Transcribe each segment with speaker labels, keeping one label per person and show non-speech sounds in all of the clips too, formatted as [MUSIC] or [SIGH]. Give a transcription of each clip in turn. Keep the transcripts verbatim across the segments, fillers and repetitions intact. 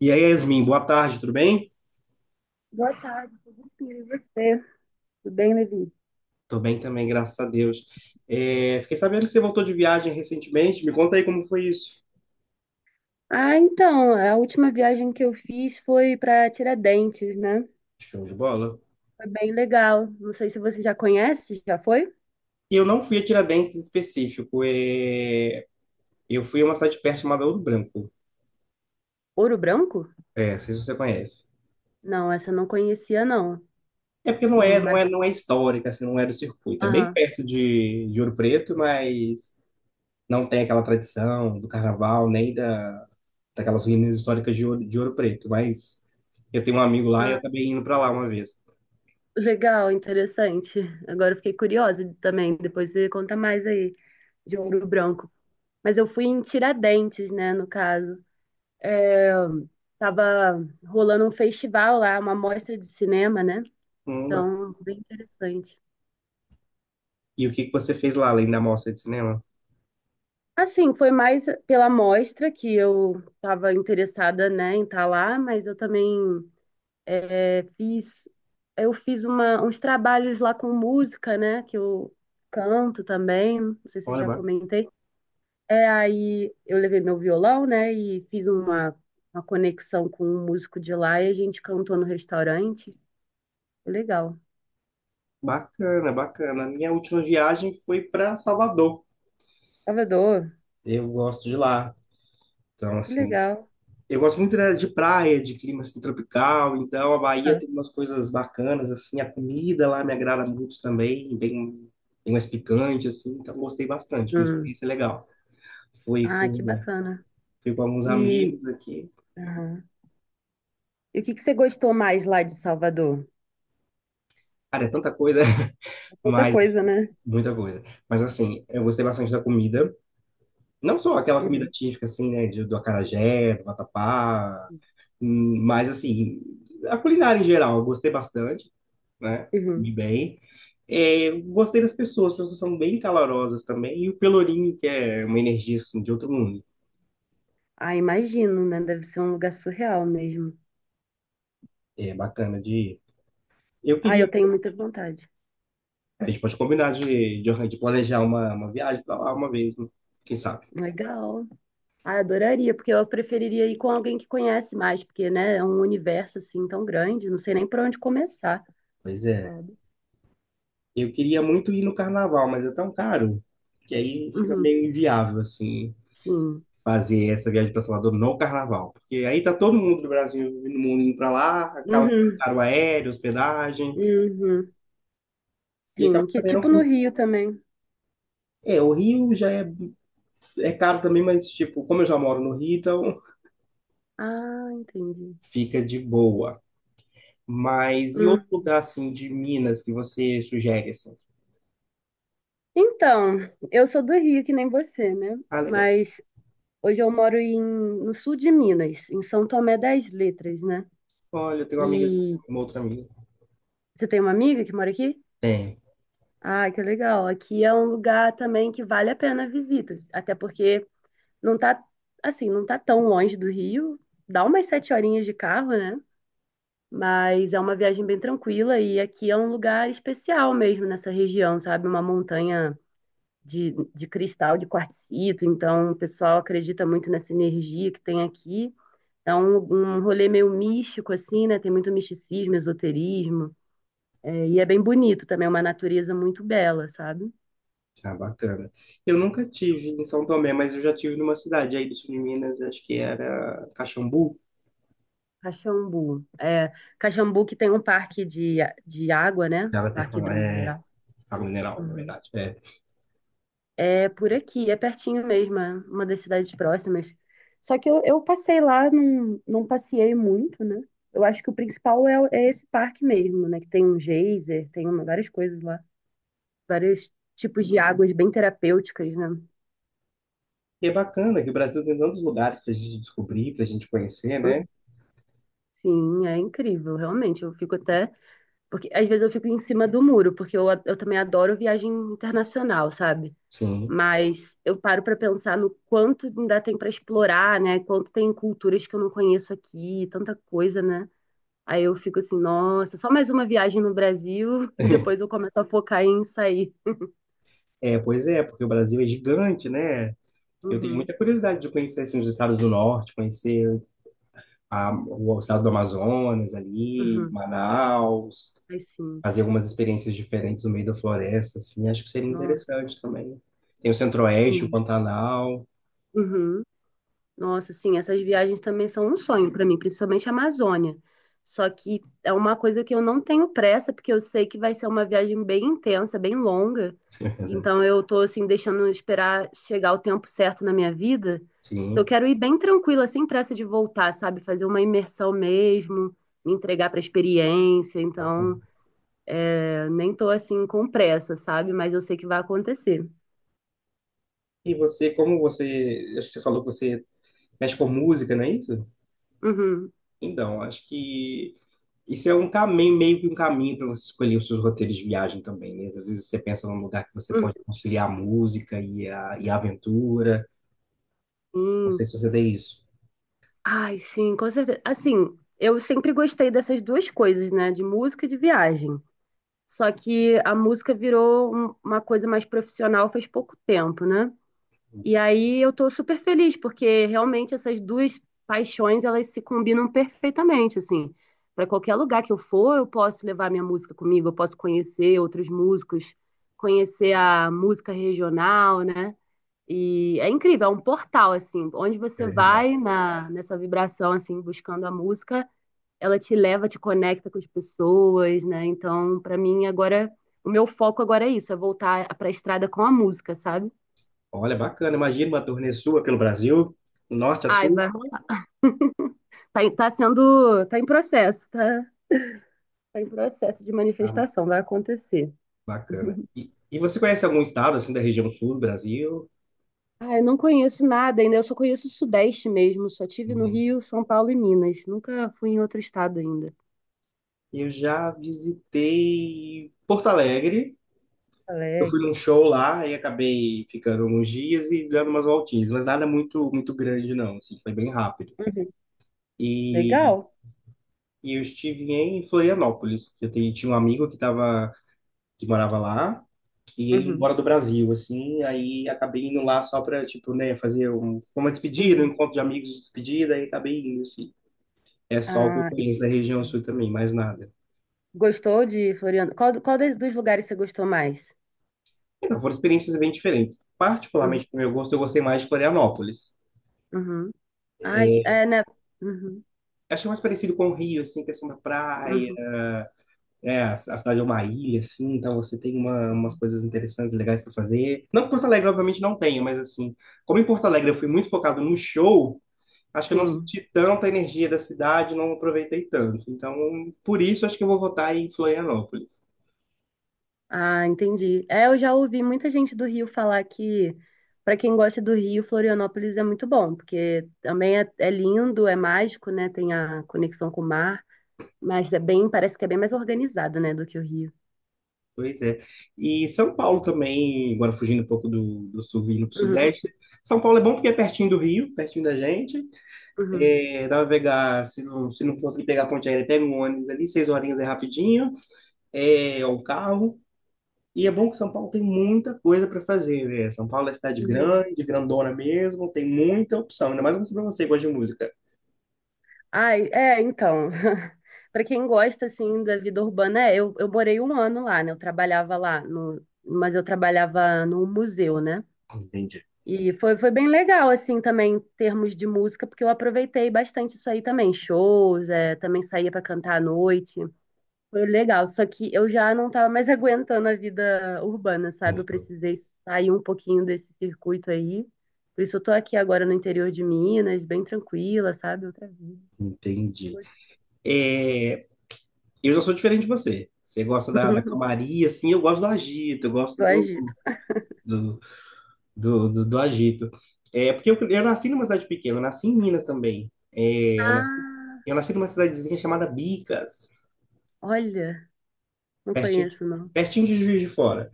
Speaker 1: E aí, Yasmin, boa tarde, tudo bem?
Speaker 2: Boa tarde, sim, e você? Tudo bem, Levi?
Speaker 1: Tô bem também, graças a Deus. É, fiquei sabendo que você voltou de viagem recentemente. Me conta aí como foi isso.
Speaker 2: Ah, então, a última viagem que eu fiz foi para Tiradentes, né?
Speaker 1: Show de bola.
Speaker 2: Foi bem legal. Não sei se você já conhece, já foi?
Speaker 1: Eu não fui a Tiradentes em específico. é, Eu fui a uma cidade perto chamada Ouro Branco.
Speaker 2: Ouro Branco?
Speaker 1: É, não sei se você conhece.
Speaker 2: Não, essa eu não conhecia, não.
Speaker 1: É porque não é,
Speaker 2: Hum,
Speaker 1: não
Speaker 2: mas,
Speaker 1: é, não é histórica, assim, não é do circuito. É bem
Speaker 2: aham.
Speaker 1: perto de, de Ouro Preto, mas não tem aquela tradição do carnaval, nem da, daquelas ruínas históricas de Ouro, de Ouro Preto. Mas eu tenho um amigo lá e eu
Speaker 2: Ah,
Speaker 1: acabei indo para lá uma vez.
Speaker 2: legal, interessante. Agora eu fiquei curiosa também. Depois você conta mais aí de Ouro Branco. Mas eu fui em Tiradentes, né, no caso. Tava rolando um festival lá, uma mostra de cinema, né?
Speaker 1: Hum, bacana.
Speaker 2: Então, bem interessante.
Speaker 1: E o que que você fez lá, além da mostra de cinema?
Speaker 2: Assim, foi mais pela amostra que eu estava interessada, né, em estar lá, mas eu também é, fiz, eu fiz uma- uns trabalhos lá com música, né, que eu canto também, não sei se eu
Speaker 1: Olha,
Speaker 2: já
Speaker 1: ba-
Speaker 2: comentei. É, aí eu levei meu violão, né, e fiz uma, uma conexão com um músico de lá e a gente cantou no restaurante. Legal.
Speaker 1: bacana, bacana. A minha última viagem foi para Salvador.
Speaker 2: Salvador,
Speaker 1: Eu gosto de lá. Então,
Speaker 2: que
Speaker 1: assim,
Speaker 2: legal.
Speaker 1: eu gosto muito, né, de praia, de clima assim, tropical, então a Bahia
Speaker 2: Ah,
Speaker 1: tem umas coisas bacanas, assim, a comida lá me agrada muito também, bem, bem mais picante, assim, então gostei bastante, uma
Speaker 2: hum.
Speaker 1: experiência legal. Fui
Speaker 2: Ah, que
Speaker 1: com,
Speaker 2: bacana.
Speaker 1: Fui com alguns
Speaker 2: E,
Speaker 1: amigos aqui,
Speaker 2: E o que que você gostou mais lá de Salvador?
Speaker 1: cara, é tanta coisa, [LAUGHS]
Speaker 2: Outra
Speaker 1: mas,
Speaker 2: coisa,
Speaker 1: assim,
Speaker 2: né?
Speaker 1: muita coisa. Mas, assim, eu gostei bastante da comida, não só aquela comida
Speaker 2: Uhum,
Speaker 1: típica, assim, né, de, do acarajé, do vatapá, hum, mas, assim, a culinária em geral, eu gostei bastante. Né? Comi
Speaker 2: uhum.
Speaker 1: bem. É, eu gostei das pessoas, as pessoas são bem calorosas também. E o Pelourinho, que é uma energia assim, de outro mundo.
Speaker 2: Ah, imagino, né? Deve ser um lugar surreal mesmo.
Speaker 1: É bacana de ir. Eu
Speaker 2: Ah,
Speaker 1: queria.
Speaker 2: eu tenho muita vontade.
Speaker 1: A gente pode combinar de, de, de planejar uma, uma viagem para lá uma vez, né? Quem sabe?
Speaker 2: Legal. Ah, adoraria, porque eu preferiria ir com alguém que conhece mais, porque, né, é um universo assim tão grande, não sei nem por onde começar,
Speaker 1: Pois é.
Speaker 2: sabe?
Speaker 1: Eu queria muito ir no carnaval, mas é tão caro que aí fica
Speaker 2: Uhum,
Speaker 1: meio inviável, assim,
Speaker 2: sim.
Speaker 1: fazer essa viagem para Salvador no carnaval. Porque aí tá todo mundo do Brasil e do mundo indo para lá, acaba ficando
Speaker 2: Uhum,
Speaker 1: caro o aéreo, hospedagem,
Speaker 2: uhum,
Speaker 1: e acaba
Speaker 2: sim. Que
Speaker 1: também
Speaker 2: tipo no
Speaker 1: não.
Speaker 2: Rio também.
Speaker 1: É, o Rio já é. É caro também, mas, tipo, como eu já moro no Rio, então
Speaker 2: Ah, entendi.
Speaker 1: [LAUGHS] fica de boa. Mas e outro
Speaker 2: Hum.
Speaker 1: lugar, assim, de Minas que você sugere, assim?
Speaker 2: Então, eu sou do Rio, que nem você, né?
Speaker 1: Ah, legal.
Speaker 2: Mas hoje eu moro em, no sul de Minas, em São Tomé das Letras, né?
Speaker 1: Olha, eu tenho uma amiga,
Speaker 2: E
Speaker 1: uma outra amiga.
Speaker 2: você tem uma amiga que mora aqui?
Speaker 1: Tem.
Speaker 2: Ah, que legal. Aqui é um lugar também que vale a pena visitas, até porque não tá, assim, não tá tão longe do Rio, dá umas sete horinhas de carro, né? Mas é uma viagem bem tranquila e aqui é um lugar especial mesmo nessa região, sabe? Uma montanha de, de, cristal, de quartzito, então o pessoal acredita muito nessa energia que tem aqui. É um, um rolê meio místico, assim, né? Tem muito misticismo, esoterismo. É, e é bem bonito também, é uma natureza muito bela, sabe?
Speaker 1: Ah, bacana. Eu nunca tive em São Tomé, mas eu já tive numa cidade aí do sul de Minas, acho que era Caxambu.
Speaker 2: Caxambu. É, Caxambu que tem um parque de, de água, né?
Speaker 1: Ela tem
Speaker 2: Parque
Speaker 1: uma, é,
Speaker 2: hidromineral.
Speaker 1: água mineral, na
Speaker 2: Uhum.
Speaker 1: verdade. É.
Speaker 2: É por aqui, é pertinho mesmo, é uma das cidades próximas. Só que eu, eu passei lá, não, não passeei muito, né? Eu acho que o principal é, o- é esse parque mesmo, né? Que tem um geyser, tem uma- várias coisas lá, vários tipos de águas bem terapêuticas, né?
Speaker 1: E é bacana que o Brasil tem tantos lugares pra gente descobrir, pra gente conhecer, né?
Speaker 2: Sim, é incrível, realmente. Eu fico até. Porque às vezes eu fico em cima do muro, porque eu, eu também adoro viagem internacional, sabe?
Speaker 1: Sim.
Speaker 2: Mas eu paro para pensar no quanto ainda tem para explorar, né? Quanto tem culturas que eu não conheço aqui, tanta coisa, né? Aí eu fico assim, nossa, só mais uma viagem no Brasil [LAUGHS] e depois eu começo a focar em sair.
Speaker 1: É, pois é, porque o Brasil é gigante, né? Eu tenho
Speaker 2: Uhum,
Speaker 1: muita curiosidade de conhecer assim, os estados do norte, conhecer a, o estado do Amazonas ali,
Speaker 2: uhum.
Speaker 1: Manaus,
Speaker 2: Aí sim,
Speaker 1: fazer algumas experiências diferentes no meio da floresta, assim, acho que seria
Speaker 2: nossa,
Speaker 1: interessante também. Tem o Centro-Oeste, o
Speaker 2: sim.
Speaker 1: Pantanal.
Speaker 2: Uhum. Nossa, sim, essas viagens também são um sonho para mim, principalmente a Amazônia. Só que é uma coisa que eu não tenho pressa, porque eu sei que vai ser uma viagem bem intensa, bem longa. Então
Speaker 1: [LAUGHS]
Speaker 2: eu tô assim deixando esperar chegar o tempo certo na minha vida. Eu
Speaker 1: Sim,
Speaker 2: quero ir bem tranquila, sem pressa de voltar, sabe? Fazer uma imersão mesmo, me entregar para a experiência. Então,
Speaker 1: bacana.
Speaker 2: eu nem tô assim com pressa, sabe? Mas eu sei que vai acontecer.
Speaker 1: E você, como você, acho que você falou que você mexe com música, não é isso?
Speaker 2: Uhum.
Speaker 1: Então, acho que isso é um caminho, meio que um caminho para você escolher os seus roteiros de viagem também, né? Às vezes você pensa num lugar que você
Speaker 2: Uhum.
Speaker 1: pode conciliar a música e a, e a aventura. Não sei
Speaker 2: Sim.
Speaker 1: se você tem isso.
Speaker 2: Ai, sim, com certeza. Assim, eu sempre gostei dessas duas coisas, né? De música e de viagem. Só que a música virou um- uma coisa mais profissional faz pouco tempo, né? E aí eu tô super feliz, porque realmente essas duas paixões, elas se combinam perfeitamente, assim. Para qualquer lugar que eu for, eu posso levar minha música comigo, eu posso conhecer outros músicos, conhecer a música regional, né? E é incrível, é um portal, assim, onde
Speaker 1: É
Speaker 2: você
Speaker 1: verdade.
Speaker 2: vai na, nessa vibração, assim, buscando a música, ela te leva, te conecta com as pessoas, né? Então, pra mim, agora, o meu foco agora é isso, é voltar pra estrada com a música, sabe?
Speaker 1: Olha, bacana. Imagina uma turnê sua pelo Brasil, do norte a
Speaker 2: Ai,
Speaker 1: sul.
Speaker 2: vai rolar. Tá, em- tá sendo, tá em processo, tá, tá em processo de
Speaker 1: Ah,
Speaker 2: manifestação, vai acontecer.
Speaker 1: bacana.
Speaker 2: [LAUGHS]
Speaker 1: E, e você conhece algum estado, assim, da região sul do Brasil?
Speaker 2: Ai, não conheço nada ainda, eu só conheço o Sudeste mesmo, só tive no
Speaker 1: Uhum.
Speaker 2: Rio, São Paulo e Minas, nunca fui em outro estado ainda.
Speaker 1: Eu já visitei Porto Alegre. Eu fui num
Speaker 2: Alegre.
Speaker 1: show lá e acabei ficando uns dias e dando umas voltinhas, mas nada muito muito grande não, assim, foi bem rápido.
Speaker 2: Uhum.
Speaker 1: E,
Speaker 2: Legal.
Speaker 1: e eu estive em Florianópolis. Eu tenho- tinha um amigo que tava, que morava lá, e ele ia embora
Speaker 2: Uhum.
Speaker 1: do Brasil, assim, aí acabei indo lá só para, tipo, né, fazer um, uma despedida, um
Speaker 2: Uhum.
Speaker 1: encontro de amigos de despedida, aí acabei indo, assim. É só o que eu
Speaker 2: Ah, e
Speaker 1: conheço da região sul também, mais nada.
Speaker 2: gostou de Floriano? Qual, qual des- dos lugares você gostou mais?
Speaker 1: Então, foram experiências bem diferentes.
Speaker 2: Uhum.
Speaker 1: Particularmente, pro meu gosto, eu gostei mais de Florianópolis.
Speaker 2: Uhum. Ai, que,
Speaker 1: É,
Speaker 2: é, né? Uhum.
Speaker 1: achei mais parecido com o Rio, assim, questão da praia.
Speaker 2: Uhum.
Speaker 1: É, a a cidade é uma ilha, assim, então você tem uma- umas coisas interessantes, legais para fazer. Não que Porto Alegre, obviamente, não tenha, mas assim, como em Porto Alegre eu fui muito focado no show, acho que eu não
Speaker 2: Sim.
Speaker 1: senti tanta energia da cidade, não aproveitei tanto. Então, por isso, acho que eu vou votar em Florianópolis.
Speaker 2: Ah, entendi. É, eu já ouvi muita gente do Rio falar que, para quem gosta do Rio, Florianópolis é muito bom, porque também é, é, lindo, é mágico, né? Tem a conexão com o mar, mas é bem, parece que é bem mais organizado, né, do que o Rio.
Speaker 1: Pois é. E São Paulo também, agora fugindo um pouco do, do sul, vindo para o
Speaker 2: Uhum.
Speaker 1: sudeste. São Paulo é bom porque é pertinho do Rio, pertinho da gente.
Speaker 2: Uhum.
Speaker 1: É, dá pra pegar, se não, se não conseguir pegar a ponte aérea, pega um ônibus ali, seis horinhas é rapidinho, é, ou um carro. E é bom que São Paulo tem muita coisa para fazer, né? São Paulo é cidade
Speaker 2: Uhum.
Speaker 1: grande, grandona mesmo, tem muita opção, ainda mais para você que gosta de música.
Speaker 2: Ai, é, então. [LAUGHS] Para quem gosta assim da vida urbana, é, eu, eu morei um ano lá, né? Eu trabalhava lá no, mas eu trabalhava no museu, né?
Speaker 1: Entendi.
Speaker 2: E foi, foi bem legal assim também em termos de música, porque eu aproveitei bastante isso aí também, shows, é, também saía para cantar à noite. Foi legal, só que eu já não tava mais [LAUGHS] aguentando a vida urbana, sabe? Eu precisei sair um pouquinho desse circuito aí. Por isso eu tô aqui agora no interior de Minas, bem tranquila, sabe? Outra vida.
Speaker 1: Entendi. É, eu já sou diferente de você. Você gosta da, da
Speaker 2: [LAUGHS]
Speaker 1: calmaria, assim, eu gosto do agito, eu gosto
Speaker 2: Do
Speaker 1: do,
Speaker 2: Egito.
Speaker 1: do, do, do- do agito. É, porque eu, eu nasci numa cidade pequena, eu nasci em Minas também. É, eu nasci,
Speaker 2: Ah,
Speaker 1: eu nasci numa cidadezinha chamada Bicas,
Speaker 2: olha, não
Speaker 1: pertinho de,
Speaker 2: conheço, não.
Speaker 1: pertinho de Juiz de Fora.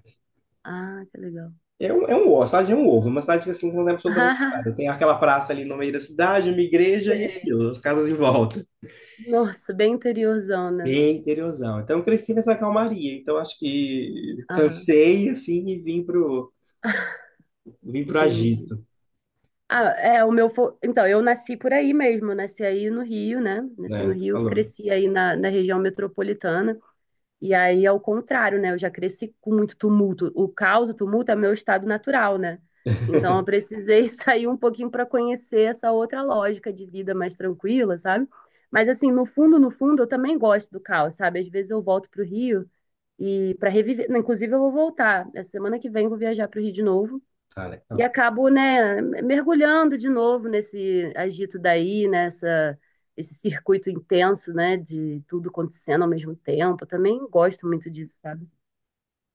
Speaker 2: Ah, que legal.
Speaker 1: É um, é um ovo, a cidade é um ovo, uma cidade que assim não tem
Speaker 2: [LAUGHS]
Speaker 1: absolutamente nada.
Speaker 2: Ah,
Speaker 1: Tem aquela praça ali no meio da cidade, uma igreja e
Speaker 2: sei.
Speaker 1: aquilo, as casas em volta.
Speaker 2: Nossa, bem interiorzona.
Speaker 1: Bem interiorzão. Então eu cresci nessa calmaria. Então acho que
Speaker 2: Aham,
Speaker 1: cansei assim e vim pro,
Speaker 2: [LAUGHS]
Speaker 1: vim pro
Speaker 2: entendi.
Speaker 1: agito,
Speaker 2: Ah, é, o meu. fo- então, eu nasci por aí mesmo, nasci aí no Rio, né? Nasci
Speaker 1: né?
Speaker 2: no
Speaker 1: Tu
Speaker 2: Rio,
Speaker 1: falou.
Speaker 2: cresci aí na, na, região metropolitana. E aí, ao contrário, né? Eu já cresci com muito tumulto. O caos, o tumulto é meu estado natural, né? Então, eu precisei [LAUGHS] sair um pouquinho para conhecer essa outra lógica de vida mais tranquila, sabe? Mas, assim, no fundo, no fundo, eu também gosto do caos, sabe? Às vezes eu volto para o Rio e para reviver. Inclusive, eu vou voltar. Essa semana que vem, eu vou viajar para o Rio de novo.
Speaker 1: Tá
Speaker 2: E
Speaker 1: legal.
Speaker 2: acabo, né, mergulhando de novo nesse agito daí, nessa esse circuito intenso, né, de tudo acontecendo ao mesmo tempo. Eu também gosto muito disso, sabe?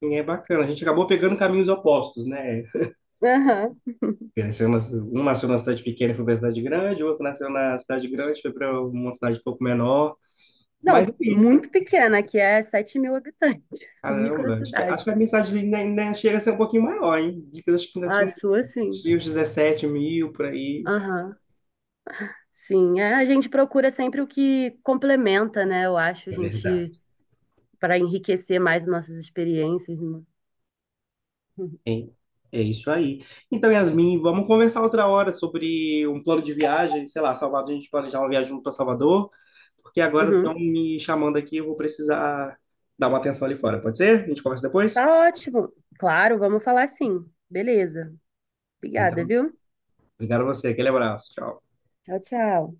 Speaker 1: E é bacana. A gente acabou pegando caminhos opostos, né?
Speaker 2: Aham.
Speaker 1: Cresceu na- Um nasceu na cidade pequena e foi pra cidade grande, o outro nasceu na cidade grande, foi para uma cidade um pouco menor. Mas é
Speaker 2: Não,
Speaker 1: isso.
Speaker 2: muito pequena, que é sete mil habitantes, [LAUGHS]
Speaker 1: Caramba, acho que, acho
Speaker 2: microcidade.
Speaker 1: que a minha cidade ainda, ainda chega a ser um pouquinho maior, hein? Dicas, acho que ainda
Speaker 2: A
Speaker 1: tinha,
Speaker 2: sua, sim.
Speaker 1: tinha uns dezessete mil por aí.
Speaker 2: Aham. Sim, é, a gente procura sempre o que complementa, né? Eu acho, a
Speaker 1: É verdade.
Speaker 2: gente, para enriquecer mais nossas experiências, né?
Speaker 1: Hein? É isso aí. Então, Yasmin, vamos conversar outra hora sobre um plano de viagem, sei lá, Salvador, a gente planejar uma viagem para Salvador, porque agora
Speaker 2: Uhum.
Speaker 1: estão me chamando aqui, eu vou precisar dar uma atenção ali fora, pode ser? A gente conversa depois?
Speaker 2: Tá ótimo. Claro, vamos falar sim. Beleza. Obrigada,
Speaker 1: Então,
Speaker 2: viu?
Speaker 1: obrigado a você, aquele abraço, tchau.
Speaker 2: Tchau, tchau.